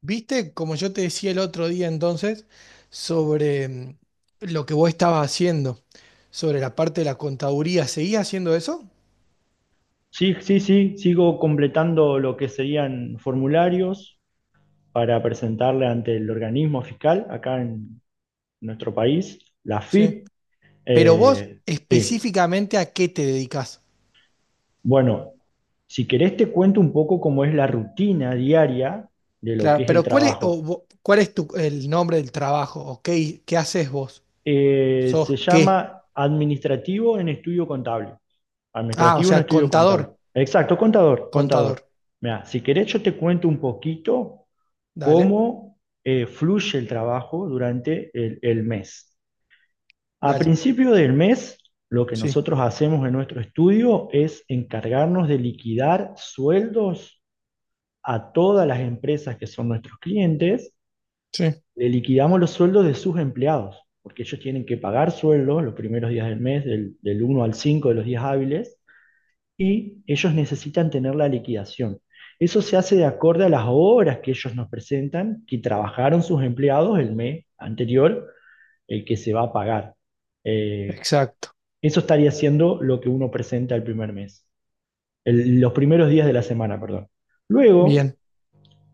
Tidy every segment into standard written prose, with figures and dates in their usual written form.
Viste, como yo te decía el otro día entonces, sobre lo que vos estabas haciendo, sobre la parte de la contaduría, ¿seguís haciendo eso? Sí, sí, sí, sigo completando lo que serían formularios para presentarle ante el organismo fiscal acá en nuestro país, la Sí. FIP. Pero vos Eh, sí, específicamente ¿a qué te dedicás? bueno, si querés te cuento un poco cómo es la rutina diaria de lo que Claro, es el pero ¿cuál es, trabajo. Cuál es tu, el nombre del trabajo? ¿O qué, qué haces vos? Se ¿Sos qué? llama administrativo en estudio contable. Ah, o Administrativo no sea, estudio contable. contador, Exacto, contador, contador. contador. Mira, si querés yo te cuento un poquito Dale, cómo fluye el trabajo durante el mes. A dale. principio del mes, lo que Sí, nosotros hacemos en nuestro estudio es encargarnos de liquidar sueldos a todas las empresas que son nuestros clientes. sí, Le liquidamos los sueldos de sus empleados, porque ellos tienen que pagar sueldos los primeros días del mes, del 1 al 5 de los días hábiles y ellos necesitan tener la liquidación. Eso se hace de acuerdo a las horas que ellos nos presentan, que trabajaron sus empleados el mes anterior, el que se va a pagar. Eh, exacto. Eso estaría siendo lo que uno presenta el primer mes, los primeros días de la semana, perdón. Luego Bien.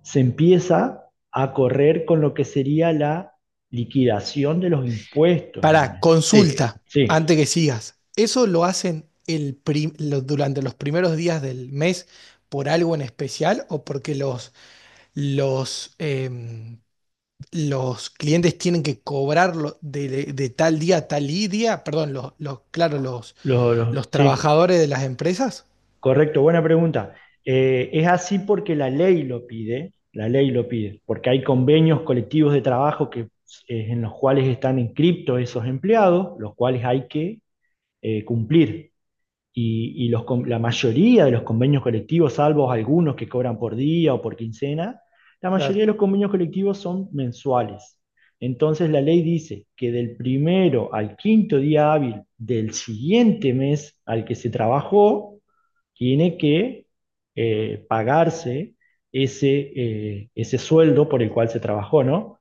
se empieza a correr con lo que sería la liquidación de los impuestos del Para mes. Sí, consulta, antes sí, que sigas, ¿eso lo hacen durante los primeros días del mes por algo en especial o porque los, em, los clientes tienen que cobrarlo de, de tal día a tal y día? Perdón, claro, los sí. trabajadores de las empresas. Correcto, buena pregunta. Es así porque la ley lo pide, la ley lo pide, porque hay convenios colectivos de trabajo que, en los cuales están inscriptos esos empleados, los cuales hay que cumplir. Y la mayoría de los convenios colectivos, salvo algunos que cobran por día o por quincena, la mayoría Claro. de los convenios colectivos son mensuales. Entonces la ley dice que del primero al quinto día hábil del siguiente mes al que se trabajó, tiene que pagarse ese, ese sueldo por el cual se trabajó, ¿no?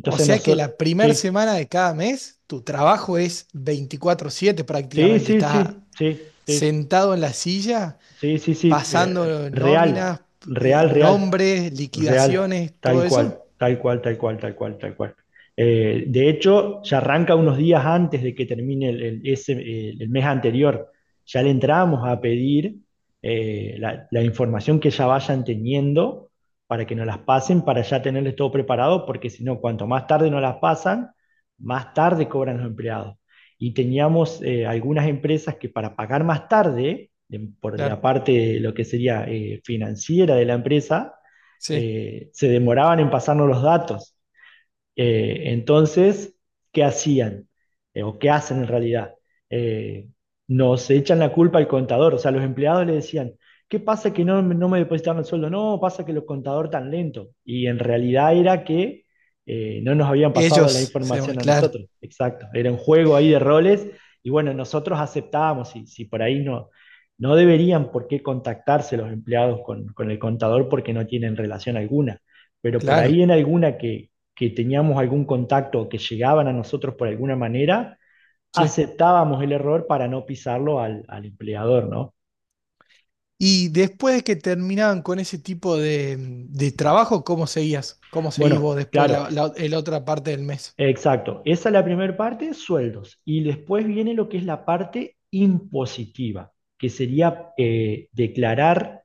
O sea que nosotros, la primera sí, semana de cada mes, tu trabajo es 24/7 sí, prácticamente. sí, Estás sí, sí, sí, sentado en la silla sí, sí, sí, pasando real, nóminas, real, real. nombres, Real, liquidaciones, todo tal eso. cual, tal cual, tal cual, tal cual, tal cual. De hecho, ya arranca unos días antes de que termine el mes anterior. Ya le entramos a pedir la información que ya vayan teniendo para que nos las pasen, para ya tenerles todo preparado, porque si no, cuanto más tarde nos las pasan, más tarde cobran los empleados. Y teníamos algunas empresas que para pagar más tarde, por la Claro, parte de lo que sería financiera de la empresa, sí. Se demoraban en pasarnos los datos. Entonces, ¿qué hacían? ¿O qué hacen en realidad? Eh, Nos echan la culpa al contador, o sea, los empleados le decían, ¿qué pasa que no me depositaron el sueldo? No, pasa que los contador tan lento. Y en realidad era que no nos habían pasado la Ellos, se llaman, información a claro, nosotros. Exacto, era un juego ahí de roles y bueno, nosotros aceptábamos y si por ahí no, no deberían por qué contactarse los empleados con el contador porque no tienen relación alguna, pero por ahí claro, en alguna que teníamos algún contacto que llegaban a nosotros por alguna manera, sí. aceptábamos el error para no pisarlo al empleador, ¿no? Y después de que terminaban con ese tipo de trabajo, ¿cómo seguías? ¿Cómo seguís vos Bueno, después claro, el otra parte del mes? exacto. Esa es la primera parte, sueldos. Y después viene lo que es la parte impositiva, que sería declarar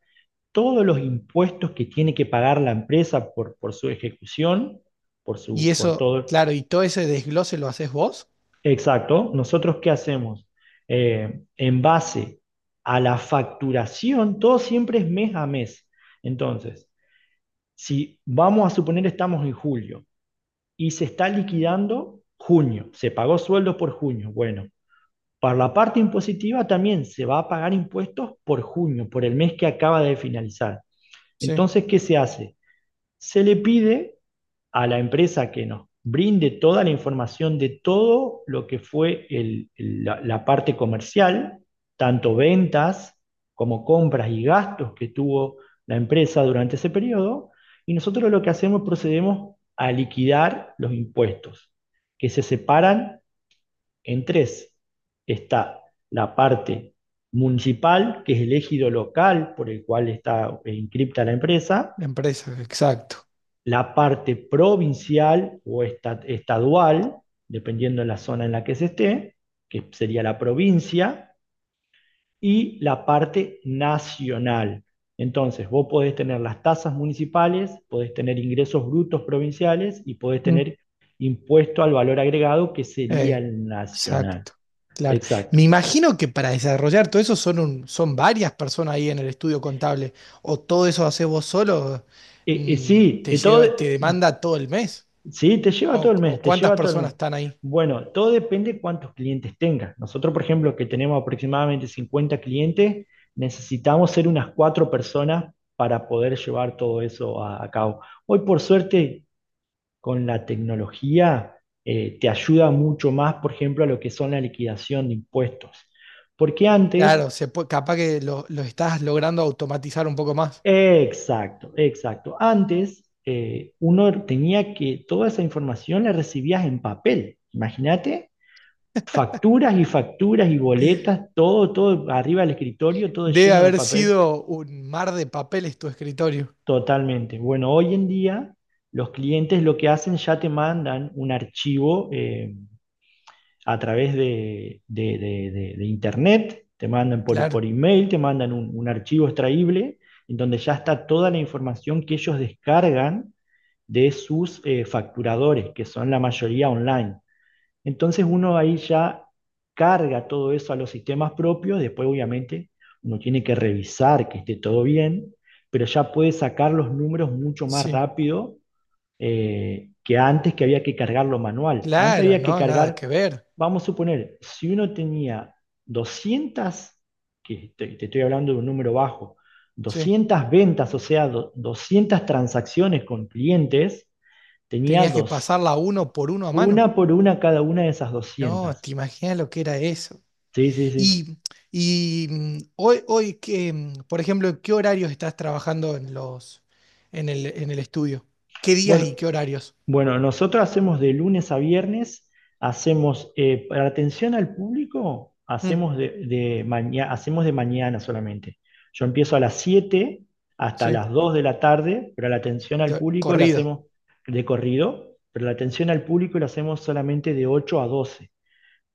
todos los impuestos que tiene que pagar la empresa por su ejecución, Y por eso, todo. claro, y todo ese desglose lo haces vos. Exacto. ¿Nosotros qué hacemos? En base a la facturación, todo siempre es mes a mes. Entonces, si vamos a suponer estamos en julio y se está liquidando junio, se pagó sueldos por junio, bueno, para la parte impositiva también se va a pagar impuestos por junio, por el mes que acaba de finalizar. Sí. Entonces, ¿qué se hace? Se le pide a la empresa que nos brinde toda la información de todo lo que fue la parte comercial, tanto ventas como compras y gastos que tuvo la empresa durante ese periodo, y nosotros lo que hacemos procedemos a liquidar los impuestos, que se separan en tres. Está la parte municipal, que es el ejido local por el cual está inscripta la empresa, La empresa, exacto. la parte provincial o estadual, dependiendo de la zona en la que se esté, que sería la provincia, y la parte nacional. Entonces, vos podés tener las tasas municipales, podés tener ingresos brutos provinciales y podés Mm. tener impuesto al valor agregado, que sería Eh, el nacional. exacto, claro. Exacto. Me imagino que para desarrollar todo eso son varias personas ahí en el estudio contable. O todo eso haces vos solo, mm, Sí, te todo. lleva, te demanda todo el mes. Sí, te lleva todo el mes, O te cuántas lleva todo el personas mes. están ahí. Bueno, todo depende cuántos clientes tengas. Nosotros, por ejemplo, que tenemos aproximadamente 50 clientes, necesitamos ser unas cuatro personas para poder llevar todo eso a cabo. Hoy, por suerte, con la tecnología, te ayuda mucho más, por ejemplo, a lo que son la liquidación de impuestos. Porque antes, Claro, se puede, capaz que lo estás logrando automatizar un poco más. exacto, exacto, antes uno tenía que, toda esa información la recibías en papel, imagínate. Facturas y facturas y boletas, todo, todo arriba del escritorio, todo Debe lleno de haber papel, sido un mar de papeles tu escritorio. totalmente. Bueno, hoy en día los clientes lo que hacen ya te mandan un archivo a través de internet, te mandan por Claro, email, te mandan un archivo extraíble en donde ya está toda la información que ellos descargan de sus facturadores, que son la mayoría online. Entonces uno ahí ya carga todo eso a los sistemas propios, después obviamente uno tiene que revisar que esté todo bien, pero ya puede sacar los números mucho más sí. rápido que antes que había que cargarlo manual. Antes Claro, había que no, nada cargar, que ver. vamos a suponer, si uno tenía 200, que te estoy hablando de un número bajo, Sí. 200 ventas, o sea, 200 transacciones con clientes, tenía Tenías que dos, pasarla uno por uno a mano. una por una cada una de esas No, 200. te imaginas lo que era eso. Sí, sí, sí. Y, hoy, hoy que, por ejemplo, ¿en ¿qué horarios estás trabajando en en el estudio? ¿Qué días Bueno, y qué horarios? bueno, nosotros hacemos de lunes a viernes, hacemos, para atención al público, Mm, hacemos de mañana, hacemos de mañana solamente. Yo empiezo a las 7 hasta sí, las 2 de la tarde, pero la atención al público la corrido. hacemos de corrido, pero la atención al público la hacemos solamente de 8 a 12.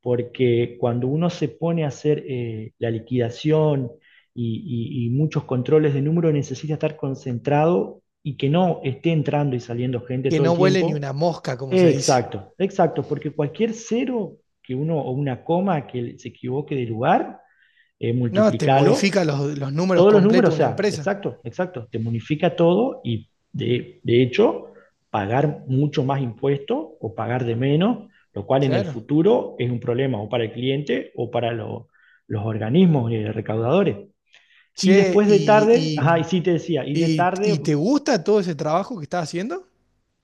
Porque cuando uno se pone a hacer la liquidación y muchos controles de número, necesita estar concentrado y que no esté entrando y saliendo gente Que todo el no vuele ni tiempo. una mosca, como se dice. Exacto, exacto, porque cualquier cero que uno o una coma que se equivoque de lugar, No, te multiplicalo modifica los números todos los completos números, de o una sea, empresa. exacto, exacto, te bonifica todo y de hecho pagar mucho más impuesto o pagar de menos, lo cual en el Claro. futuro es un problema o para el cliente o para los organismos recaudadores. Y Che, después de tarde, ajá, y sí te decía, y de y, tarde, y te gusta todo ese trabajo que estás haciendo?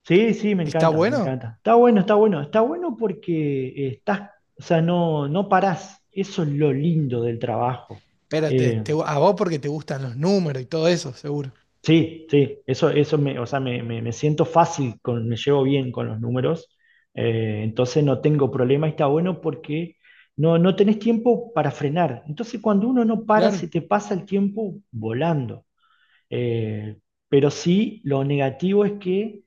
sí, sí, me ¿Está encanta, me bueno? encanta. Está bueno, está bueno, está bueno porque estás, o sea, no parás, eso es lo lindo del trabajo. Espérate, Eh, a vos porque te gustan los números y todo eso, seguro. Sí, sí, eso me, o sea, me siento fácil, me llevo bien con los números, entonces no tengo problema, y está bueno porque no tenés tiempo para frenar. Entonces cuando uno no para, se Claro. te pasa el tiempo volando. Eh, pero sí, lo negativo es que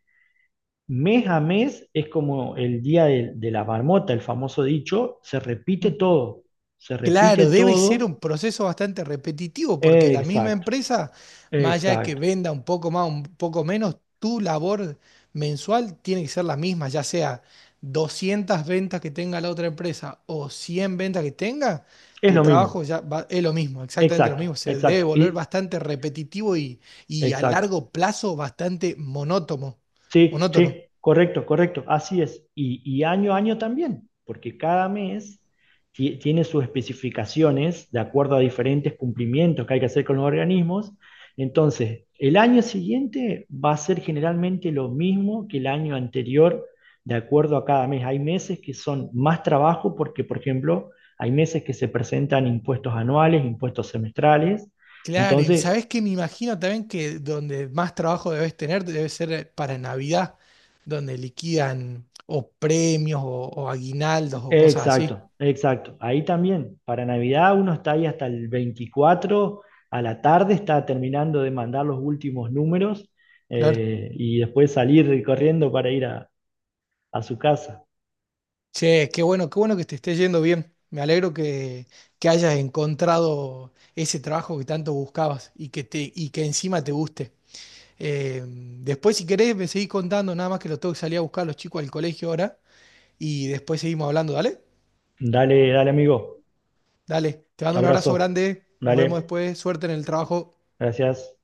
mes a mes es como el día de la marmota, el famoso dicho, se repite Claro, debe ser un todo, proceso bastante repetitivo porque la misma exacto, empresa, más allá de que exacto, venda un poco más, un poco menos, tu labor mensual tiene que ser la misma, ya sea 200 ventas que tenga la otra empresa o 100 ventas que tenga, es tu lo trabajo mismo. ya va- es lo mismo, exactamente lo mismo. Exacto, Se debe exacto. volver bastante repetitivo y a Exacto. largo plazo bastante monótono, Sí, sí, monótono. correcto, correcto. Así es. Y año a año también, porque cada mes tiene sus especificaciones de acuerdo a diferentes cumplimientos que hay que hacer con los organismos. Entonces, el año siguiente va a ser generalmente lo mismo que el año anterior de acuerdo a cada mes. Hay meses que son más trabajo porque, por ejemplo, hay meses que se presentan impuestos anuales, impuestos semestrales. Claro, y Entonces, sabes que me imagino también que donde más trabajo debes tener debe ser para Navidad, donde liquidan o premios o aguinaldos o cosas así. Exacto, exacto. Ahí también, para Navidad uno está ahí hasta el 24, a la tarde está terminando de mandar los últimos números Claro. Y después salir corriendo para ir a su casa. Che, qué bueno que te esté yendo bien. Me alegro que hayas encontrado ese trabajo que tanto buscabas y que te, y que encima te guste. Después, si querés, me seguís contando, nada más que lo tengo que salir a buscar a los chicos al colegio ahora y después seguimos hablando, ¿dale? Dale, dale amigo, Dale, te mando un abrazo abrazo. grande. Nos vemos Dale, después. Suerte en el trabajo. gracias.